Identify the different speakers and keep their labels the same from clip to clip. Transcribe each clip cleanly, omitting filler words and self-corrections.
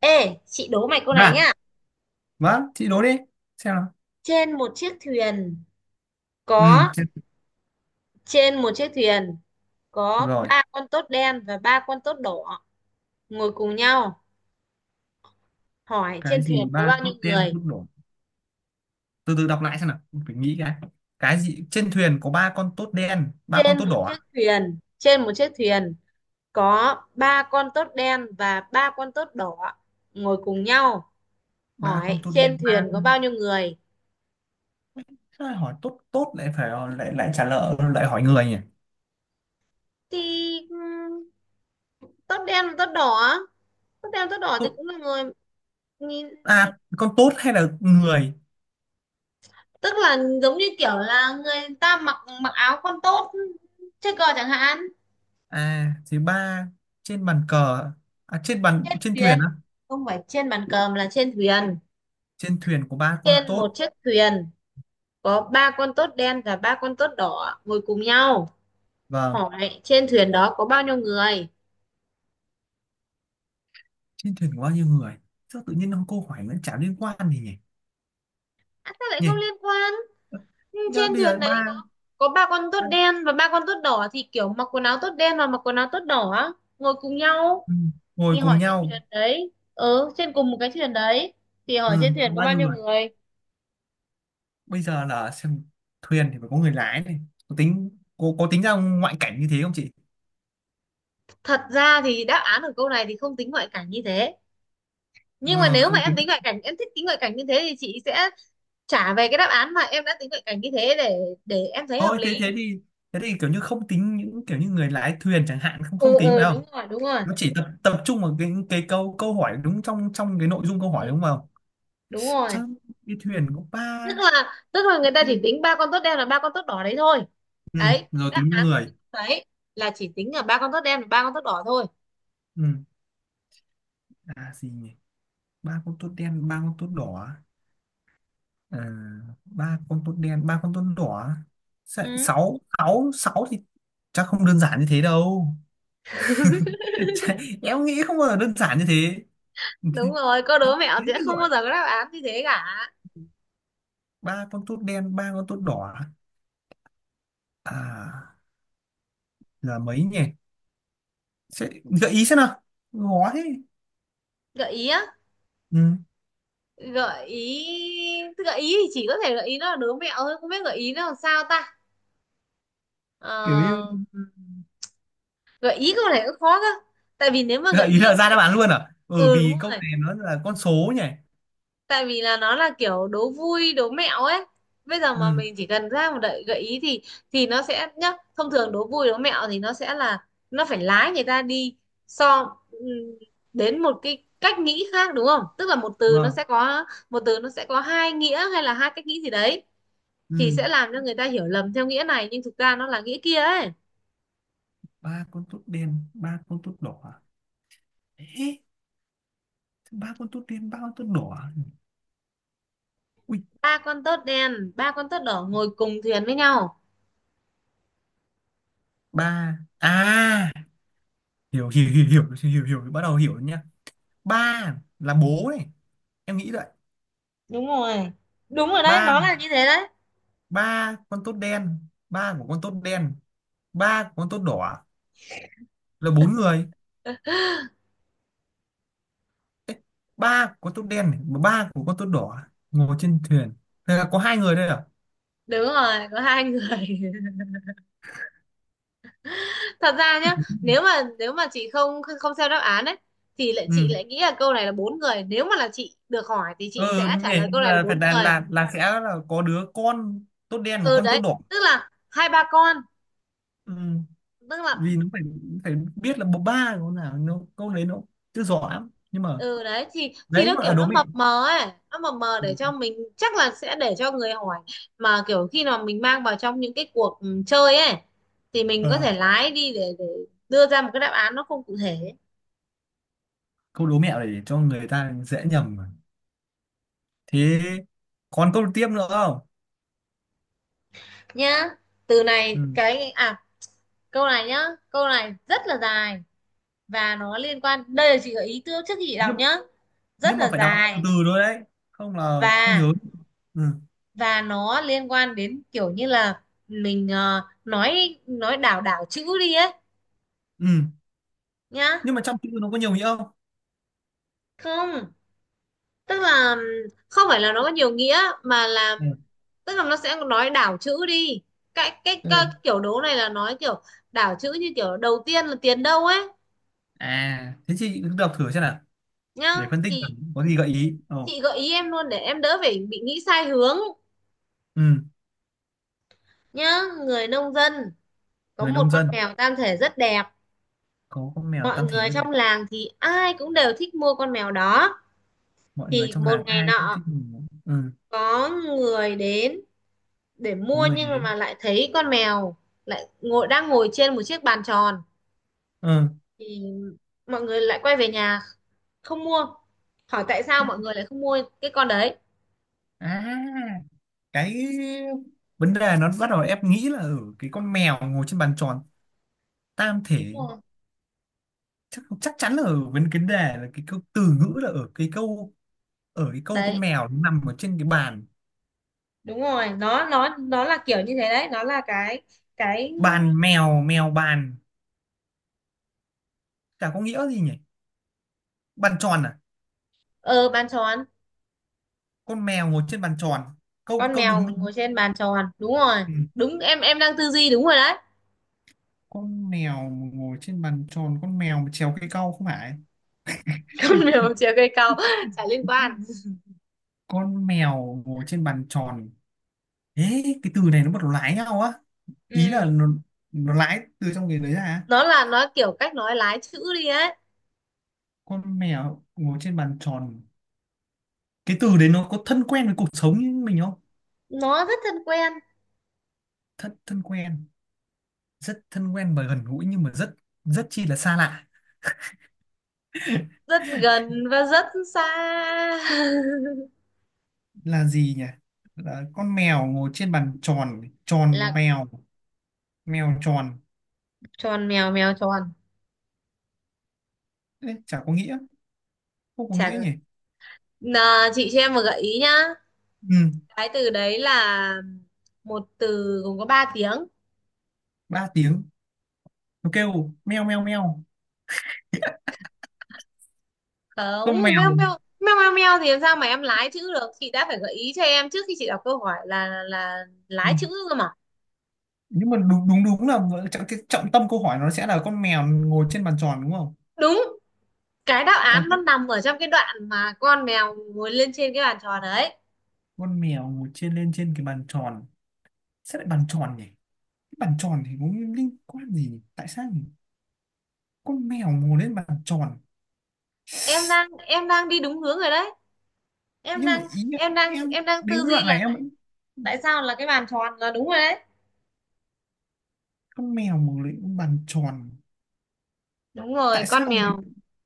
Speaker 1: Ê, chị đố mày câu này
Speaker 2: À,
Speaker 1: nhá.
Speaker 2: vâng chị đố đi, xem nào.
Speaker 1: Trên một chiếc thuyền
Speaker 2: Ừ,
Speaker 1: có
Speaker 2: xem.
Speaker 1: Trên một chiếc thuyền có
Speaker 2: Rồi.
Speaker 1: ba con tốt đen và ba con tốt đỏ ngồi cùng nhau. Hỏi
Speaker 2: Cái
Speaker 1: trên thuyền
Speaker 2: gì?
Speaker 1: có
Speaker 2: Ba
Speaker 1: bao nhiêu
Speaker 2: tốt đen
Speaker 1: người?
Speaker 2: tốt đỏ? Từ từ đọc lại xem nào, phải nghĩ cái gì. Trên thuyền có ba con tốt đen ba con
Speaker 1: Trên
Speaker 2: tốt
Speaker 1: một
Speaker 2: đỏ à?
Speaker 1: chiếc thuyền, trên một chiếc thuyền có ba con tốt đen và ba con tốt đỏ ngồi cùng nhau.
Speaker 2: Ba con
Speaker 1: Hỏi
Speaker 2: tốt
Speaker 1: trên
Speaker 2: đen ba
Speaker 1: thuyền có
Speaker 2: con.
Speaker 1: bao nhiêu người?
Speaker 2: Sao lại hỏi tốt tốt lại phải lại lại trả lời lại hỏi người nhỉ?
Speaker 1: Thì tốt đen và tốt đỏ, tốt đen và tốt đỏ thì
Speaker 2: Tốt.
Speaker 1: cũng là người, nhìn.
Speaker 2: À con tốt hay là người?
Speaker 1: Tức là giống như kiểu là người ta mặc mặc áo con tốt chơi cờ chẳng hạn.
Speaker 2: À thì ba, trên bàn cờ, à,
Speaker 1: Trên
Speaker 2: trên thuyền
Speaker 1: thuyền,
Speaker 2: á.
Speaker 1: không phải trên bàn cờ mà là trên thuyền.
Speaker 2: Trên thuyền có ba con
Speaker 1: Trên một
Speaker 2: tốt.
Speaker 1: chiếc thuyền có ba con tốt đen và ba con tốt đỏ ngồi cùng nhau,
Speaker 2: Vâng.
Speaker 1: hỏi trên thuyền đó có bao nhiêu người.
Speaker 2: Trên thuyền có bao nhiêu người? Sao tự nhiên ông câu hỏi nó chả liên quan gì nhỉ?
Speaker 1: À, sao lại không
Speaker 2: Nhỉ.
Speaker 1: liên quan. Ừ,
Speaker 2: Nhớ
Speaker 1: trên
Speaker 2: bây
Speaker 1: thuyền
Speaker 2: giờ
Speaker 1: đấy có
Speaker 2: ba.
Speaker 1: có ba con tốt
Speaker 2: ba-
Speaker 1: đen và ba con tốt đỏ thì kiểu mặc quần áo tốt đen và mặc quần áo tốt đỏ ngồi cùng nhau,
Speaker 2: ừ. Ngồi
Speaker 1: thì
Speaker 2: cùng
Speaker 1: hỏi trên
Speaker 2: nhau.
Speaker 1: thuyền đấy, trên cùng một cái thuyền đấy, thì
Speaker 2: Ừ.
Speaker 1: hỏi trên
Speaker 2: Có
Speaker 1: thuyền có
Speaker 2: bao
Speaker 1: bao
Speaker 2: nhiêu
Speaker 1: nhiêu
Speaker 2: người?
Speaker 1: người.
Speaker 2: Bây giờ là xem, thuyền thì phải có người lái này. Có tính có tính ra ngoại cảnh như thế không chị?
Speaker 1: Thật ra thì đáp án của câu này thì không tính ngoại cảnh như thế, nhưng mà
Speaker 2: Ừ,
Speaker 1: nếu mà
Speaker 2: không
Speaker 1: em
Speaker 2: tính.
Speaker 1: tính ngoại cảnh, em thích tính ngoại cảnh như thế thì chị sẽ trả về cái đáp án mà em đã tính ngoại cảnh như thế để em thấy hợp
Speaker 2: Thôi thế
Speaker 1: lý.
Speaker 2: thế thì, thế thì kiểu như không tính những kiểu như người lái thuyền chẳng hạn, không không
Speaker 1: Ừ,
Speaker 2: tính
Speaker 1: ừ,
Speaker 2: phải không?
Speaker 1: đúng rồi, đúng rồi.
Speaker 2: Nó chỉ tập tập trung vào cái câu câu hỏi đúng, trong trong cái nội dung câu
Speaker 1: Ừ,
Speaker 2: hỏi đúng không?
Speaker 1: đúng
Speaker 2: Chứ
Speaker 1: rồi.
Speaker 2: đi thuyền có
Speaker 1: tức
Speaker 2: ba.
Speaker 1: là tức là người ta chỉ tính ba con tốt đen là ba con tốt đỏ đấy thôi.
Speaker 2: Ừ,
Speaker 1: Đấy,
Speaker 2: rồi
Speaker 1: đáp
Speaker 2: tính ra
Speaker 1: án của
Speaker 2: người.
Speaker 1: cái câu đấy là chỉ tính là ba con tốt đen và ba con tốt đỏ thôi.
Speaker 2: Ừ. À gì nhỉ, ba con tốt đen ba con tốt đỏ. À, ba con tốt đen ba con tốt đỏ.
Speaker 1: Ừ,
Speaker 2: Sáu sáu sáu thì chắc không đơn giản như thế đâu. Em nghĩ không bao giờ đơn giản như thế.
Speaker 1: đúng rồi, câu đố mẹo
Speaker 2: Thế
Speaker 1: sẽ
Speaker 2: thì
Speaker 1: không
Speaker 2: gọi,
Speaker 1: bao giờ có đáp án như thế cả.
Speaker 2: ba con tốt đen ba con tốt đỏ à, là mấy nhỉ? Sẽ gợi ý xem nào, khó thế.
Speaker 1: Gợi ý á?
Speaker 2: Ừ,
Speaker 1: Gợi ý thì chỉ có thể gợi ý nó là đố mẹo thôi, không biết gợi ý nó làm sao ta.
Speaker 2: kiểu như
Speaker 1: Ờ, Gợi ý câu này cũng khó cơ, tại vì nếu mà gợi
Speaker 2: gợi ý
Speaker 1: ý
Speaker 2: là ra đáp
Speaker 1: cái,
Speaker 2: án luôn à? Ừ,
Speaker 1: ừ đúng
Speaker 2: vì câu
Speaker 1: rồi,
Speaker 2: này nó là con số nhỉ.
Speaker 1: tại vì là nó là kiểu đố vui đố mẹo ấy. Bây giờ mà
Speaker 2: Ừ.
Speaker 1: mình chỉ cần ra một đợi gợi ý thì nó sẽ nhá, thông thường đố vui đố mẹo thì nó sẽ là nó phải lái người ta đi. So, đến một cái cách nghĩ khác đúng không, tức là một từ nó
Speaker 2: Vâng.
Speaker 1: sẽ có một từ nó sẽ có hai nghĩa hay là hai cách nghĩ gì đấy,
Speaker 2: Ừ.
Speaker 1: thì sẽ làm cho người ta hiểu lầm theo nghĩa này nhưng thực ra nó là nghĩa kia ấy.
Speaker 2: Ba con tốt đen ba con tốt đỏ. Ê, ba con tốt đen ba con tốt đỏ. Ui,
Speaker 1: Ba con tớt đen ba con tớt đỏ ngồi cùng thuyền với nhau.
Speaker 2: ba à? Hiểu hiểu hiểu hiểu, hiểu hiểu, bắt đầu hiểu nhá. Ba là bố này, em nghĩ vậy.
Speaker 1: Đúng rồi, đúng rồi đấy,
Speaker 2: Ba,
Speaker 1: nó là như thế đấy.
Speaker 2: ba con tốt đen, ba của con tốt đen, ba của con tốt đỏ, là bốn người. Ba của con tốt đen này, mà ba của con tốt đỏ, ngồi trên thuyền, thế là có hai người đây à?
Speaker 1: Đúng rồi, có hai người. Thật ra nhá, nếu mà chị không không xem đáp án ấy thì lại chị
Speaker 2: Ừ.
Speaker 1: lại nghĩ là câu này là bốn người, nếu mà là chị được hỏi thì chị
Speaker 2: Ừ,
Speaker 1: sẽ
Speaker 2: như
Speaker 1: trả
Speaker 2: vậy
Speaker 1: lời câu này là
Speaker 2: là phải
Speaker 1: bốn
Speaker 2: là
Speaker 1: người.
Speaker 2: là sẽ là có đứa con tốt đen và
Speaker 1: Ừ,
Speaker 2: con tốt
Speaker 1: đấy,
Speaker 2: đỏ.
Speaker 1: tức là hai ba con,
Speaker 2: Ừ.
Speaker 1: tức là.
Speaker 2: Vì nó phải, phải biết là bố ba của con nào, nó câu đấy nó chưa rõ lắm nhưng mà.
Speaker 1: Ừ, đấy, thì
Speaker 2: Đấy
Speaker 1: nó
Speaker 2: gọi là
Speaker 1: kiểu
Speaker 2: đố
Speaker 1: nó
Speaker 2: mẹo.
Speaker 1: mập mờ ấy, nó mập mờ để cho mình, chắc là sẽ để cho người hỏi, mà kiểu khi nào mình mang vào trong những cái cuộc, chơi ấy, thì mình có
Speaker 2: Ờ,
Speaker 1: thể lái đi để đưa ra một cái đáp án nó không cụ thể.
Speaker 2: câu đố mẹo này để cho người ta dễ nhầm mà. Thế còn câu tiếp nữa không?
Speaker 1: Nhá, từ này
Speaker 2: Ừ.
Speaker 1: cái à, câu này nhá, câu này rất là dài và nó liên quan, đây là chị gợi ý trước trước khi chị đọc
Speaker 2: Nhưng,
Speaker 1: nhá. Rất
Speaker 2: nhưng mà
Speaker 1: là
Speaker 2: phải đọc từ
Speaker 1: dài,
Speaker 2: từ thôi đấy. Không là không
Speaker 1: và
Speaker 2: nhớ. Ừ.
Speaker 1: và nó liên quan đến kiểu như là mình, nói đảo đảo chữ đi ấy,
Speaker 2: Ừ.
Speaker 1: nhá.
Speaker 2: Nhưng mà trong chữ nó có nhiều nghĩa không?
Speaker 1: Không, tức là không phải là nó có nhiều nghĩa mà là,
Speaker 2: Ừ.
Speaker 1: tức là nó sẽ nói đảo chữ đi. cái cái,
Speaker 2: Thế
Speaker 1: cái
Speaker 2: này.
Speaker 1: kiểu đố này là nói kiểu đảo chữ, như kiểu đầu tiên là tiền đâu ấy,
Speaker 2: À, thế chị cứ đọc thử xem nào. Để
Speaker 1: nhá.
Speaker 2: phân tích
Speaker 1: Thì
Speaker 2: xem có gì gợi ý. Ồ.
Speaker 1: chị gợi ý em luôn để em đỡ phải bị nghĩ sai hướng,
Speaker 2: Ừ.
Speaker 1: nhá. Người nông dân có
Speaker 2: Người
Speaker 1: một
Speaker 2: nông
Speaker 1: con
Speaker 2: dân
Speaker 1: mèo tam thể rất đẹp,
Speaker 2: có con mèo
Speaker 1: mọi
Speaker 2: tam thể
Speaker 1: người
Speaker 2: rất Việt.
Speaker 1: trong làng thì ai cũng đều thích mua con mèo đó.
Speaker 2: Mọi người
Speaker 1: Thì
Speaker 2: trong
Speaker 1: một
Speaker 2: làng
Speaker 1: ngày
Speaker 2: ai cũng
Speaker 1: nọ
Speaker 2: thích mình. Ừ.
Speaker 1: có người đến để
Speaker 2: Có
Speaker 1: mua,
Speaker 2: người
Speaker 1: nhưng
Speaker 2: đến.
Speaker 1: mà lại thấy con mèo lại ngồi đang ngồi trên một chiếc bàn tròn,
Speaker 2: Ừ.
Speaker 1: thì mọi người lại quay về nhà không mua. Hỏi tại sao
Speaker 2: Không.
Speaker 1: mọi người lại không mua cái con đấy.
Speaker 2: À, cái vấn đề nó bắt đầu ép nghĩ là ở cái con mèo ngồi trên bàn tròn, tam
Speaker 1: Đúng
Speaker 2: thể.
Speaker 1: rồi
Speaker 2: Chắc chắc chắn là ở vấn cái đề là cái câu từ ngữ, là ở cái câu, ở cái câu con
Speaker 1: đấy,
Speaker 2: mèo nó nằm ở trên cái bàn.
Speaker 1: đúng rồi, nó là kiểu như thế đấy, nó là cái,
Speaker 2: Bàn mèo mèo bàn, chả có nghĩa gì nhỉ. Bàn tròn à?
Speaker 1: ờ bàn tròn,
Speaker 2: Con mèo ngồi trên bàn tròn, câu
Speaker 1: con
Speaker 2: câu
Speaker 1: mèo
Speaker 2: đúng đúng.
Speaker 1: ngồi trên bàn tròn, đúng rồi.
Speaker 2: Ừ.
Speaker 1: Đúng, em đang tư duy đúng rồi đấy.
Speaker 2: Con mèo ngồi trên bàn tròn, con mèo mà trèo cây cau không phải.
Speaker 1: Con mèo chìa cây cau, chả liên quan.
Speaker 2: Con mèo ngồi trên bàn tròn. Ế, cái từ này nó bắt đầu lái nhau á. Ý
Speaker 1: Ừ,
Speaker 2: là nó lái từ trong cái đấy ra.
Speaker 1: nó là nó kiểu cách nói lái chữ đi ấy.
Speaker 2: Con mèo ngồi trên bàn tròn. Cái từ đấy nó có thân quen với cuộc sống như mình không?
Speaker 1: Nó rất thân quen.
Speaker 2: Thân thân quen, rất thân quen và gần gũi nhưng mà rất, rất chi là xa lạ.
Speaker 1: Rất gần và rất xa.
Speaker 2: Là gì nhỉ? Là con mèo ngồi trên bàn tròn, tròn
Speaker 1: Là
Speaker 2: mèo mèo tròn.
Speaker 1: tròn mèo, mèo tròn,
Speaker 2: Ê, chả có nghĩa, không có
Speaker 1: chả.
Speaker 2: nghĩa nhỉ.
Speaker 1: Nà, chị cho em một gợi ý nhá.
Speaker 2: Ừ,
Speaker 1: Cái từ đấy là một từ gồm có ba tiếng.
Speaker 2: ba tiếng. Nó kêu meo meo meo. Con
Speaker 1: Không,
Speaker 2: mèo.
Speaker 1: meo meo meo meo meo thì làm sao mà em lái chữ được? Chị đã phải gợi ý cho em trước khi chị đọc câu hỏi là
Speaker 2: Ừ.
Speaker 1: lái chữ cơ mà.
Speaker 2: Nhưng mà đúng đúng đúng là cái trọng tâm câu hỏi nó sẽ là con mèo ngồi trên bàn tròn đúng không?
Speaker 1: Đúng, cái đáp
Speaker 2: Còn
Speaker 1: án nó nằm ở trong cái đoạn mà con mèo ngồi lên trên cái bàn tròn đấy.
Speaker 2: con mèo ngồi lên trên cái bàn tròn, sẽ lại bàn tròn nhỉ. Cái bàn tròn thì có liên quan gì nhỉ? Tại sao nhỉ? Con mèo ngồi lên bàn tròn.
Speaker 1: Em đang đi đúng hướng rồi đấy. Em
Speaker 2: Nhưng mà
Speaker 1: đang
Speaker 2: ý là
Speaker 1: em đang
Speaker 2: em,
Speaker 1: em đang
Speaker 2: đến
Speaker 1: tư
Speaker 2: cái
Speaker 1: duy
Speaker 2: đoạn này
Speaker 1: là
Speaker 2: em
Speaker 1: tại
Speaker 2: vẫn.
Speaker 1: tại sao là cái bàn tròn là đúng rồi đấy.
Speaker 2: Con mèo ngồi lên bàn tròn.
Speaker 1: Đúng rồi,
Speaker 2: Tại sao
Speaker 1: con
Speaker 2: người,
Speaker 1: mèo.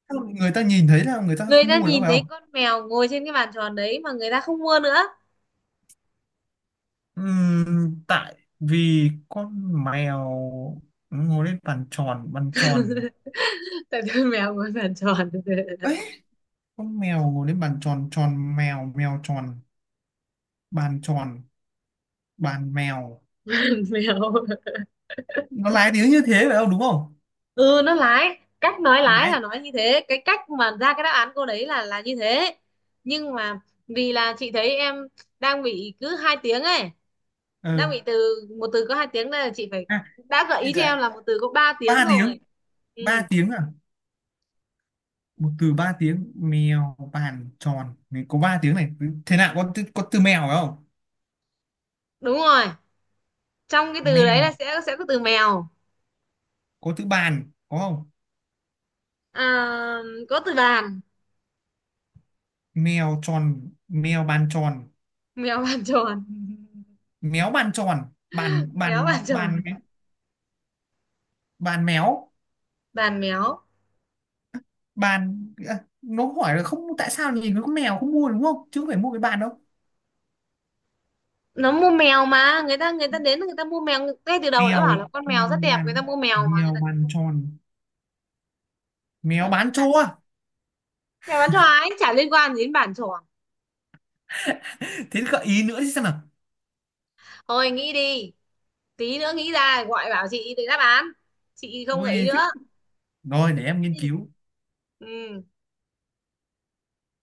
Speaker 2: sao người ta nhìn thấy là người ta
Speaker 1: Người
Speaker 2: không
Speaker 1: ta
Speaker 2: mua nữa
Speaker 1: nhìn
Speaker 2: phải
Speaker 1: thấy
Speaker 2: không?
Speaker 1: con mèo ngồi trên cái bàn tròn đấy mà người ta không mua nữa.
Speaker 2: Tại vì con mèo ngồi lên bàn tròn, bàn tròn.
Speaker 1: Tại vì mèo ngồi bàn tròn.
Speaker 2: Ấy, con mèo ngồi lên bàn tròn, tròn mèo mèo tròn. Bàn tròn, bàn mèo.
Speaker 1: Mèo.
Speaker 2: Nó lái tiếng như thế phải không, đúng không?
Speaker 1: Ừ, nó lái, cách nói lái
Speaker 2: Lái.
Speaker 1: là nói như thế, cái cách mà ra cái đáp án cô đấy là như thế. Nhưng mà vì là chị thấy em đang bị cứ hai tiếng ấy,
Speaker 2: Ừ.
Speaker 1: đang bị từ một từ có hai tiếng, đây là chị phải
Speaker 2: À,
Speaker 1: đã gợi
Speaker 2: thì
Speaker 1: ý cho em
Speaker 2: đã-
Speaker 1: là một từ có ba tiếng
Speaker 2: ba tiếng.
Speaker 1: rồi.
Speaker 2: Ba
Speaker 1: Ừ,
Speaker 2: tiếng à? Một từ ba tiếng, mèo bàn tròn. Này, có ba tiếng này. Thế nào có từ mèo phải không?
Speaker 1: đúng rồi, trong cái từ đấy
Speaker 2: Mèo.
Speaker 1: là sẽ có từ mèo.
Speaker 2: Có từ bàn có không?
Speaker 1: À, có từ bàn.
Speaker 2: Mèo tròn mèo bàn tròn.
Speaker 1: Mèo bàn tròn.
Speaker 2: Méo bàn tròn. bàn
Speaker 1: Méo bàn
Speaker 2: bàn bàn
Speaker 1: tròn.
Speaker 2: Bàn méo.
Speaker 1: Bàn méo.
Speaker 2: Bàn. À, nó hỏi là không, tại sao nhìn nó có mèo không mua đúng không, chứ không phải mua cái bàn đâu.
Speaker 1: Nó mua mèo mà, người ta đến người ta mua mèo, ngay từ đầu đã
Speaker 2: Mèo
Speaker 1: bảo là con mèo rất đẹp,
Speaker 2: bàn,
Speaker 1: người ta mua mèo mà
Speaker 2: mèo
Speaker 1: người ta cũng
Speaker 2: bàn
Speaker 1: không
Speaker 2: tròn. Mèo
Speaker 1: phải mua
Speaker 2: bán
Speaker 1: bàn.
Speaker 2: trâu à?
Speaker 1: Mèo bán choái chả liên quan gì đến bàn tròn.
Speaker 2: Thế gợi ý nữa chứ, xem nào.
Speaker 1: Thôi, nghĩ đi, tí nữa nghĩ ra gọi bảo chị để đáp án, chị không gợi ý
Speaker 2: Ôi,
Speaker 1: nữa.
Speaker 2: rồi để em nghiên cứu.
Speaker 1: Ừ.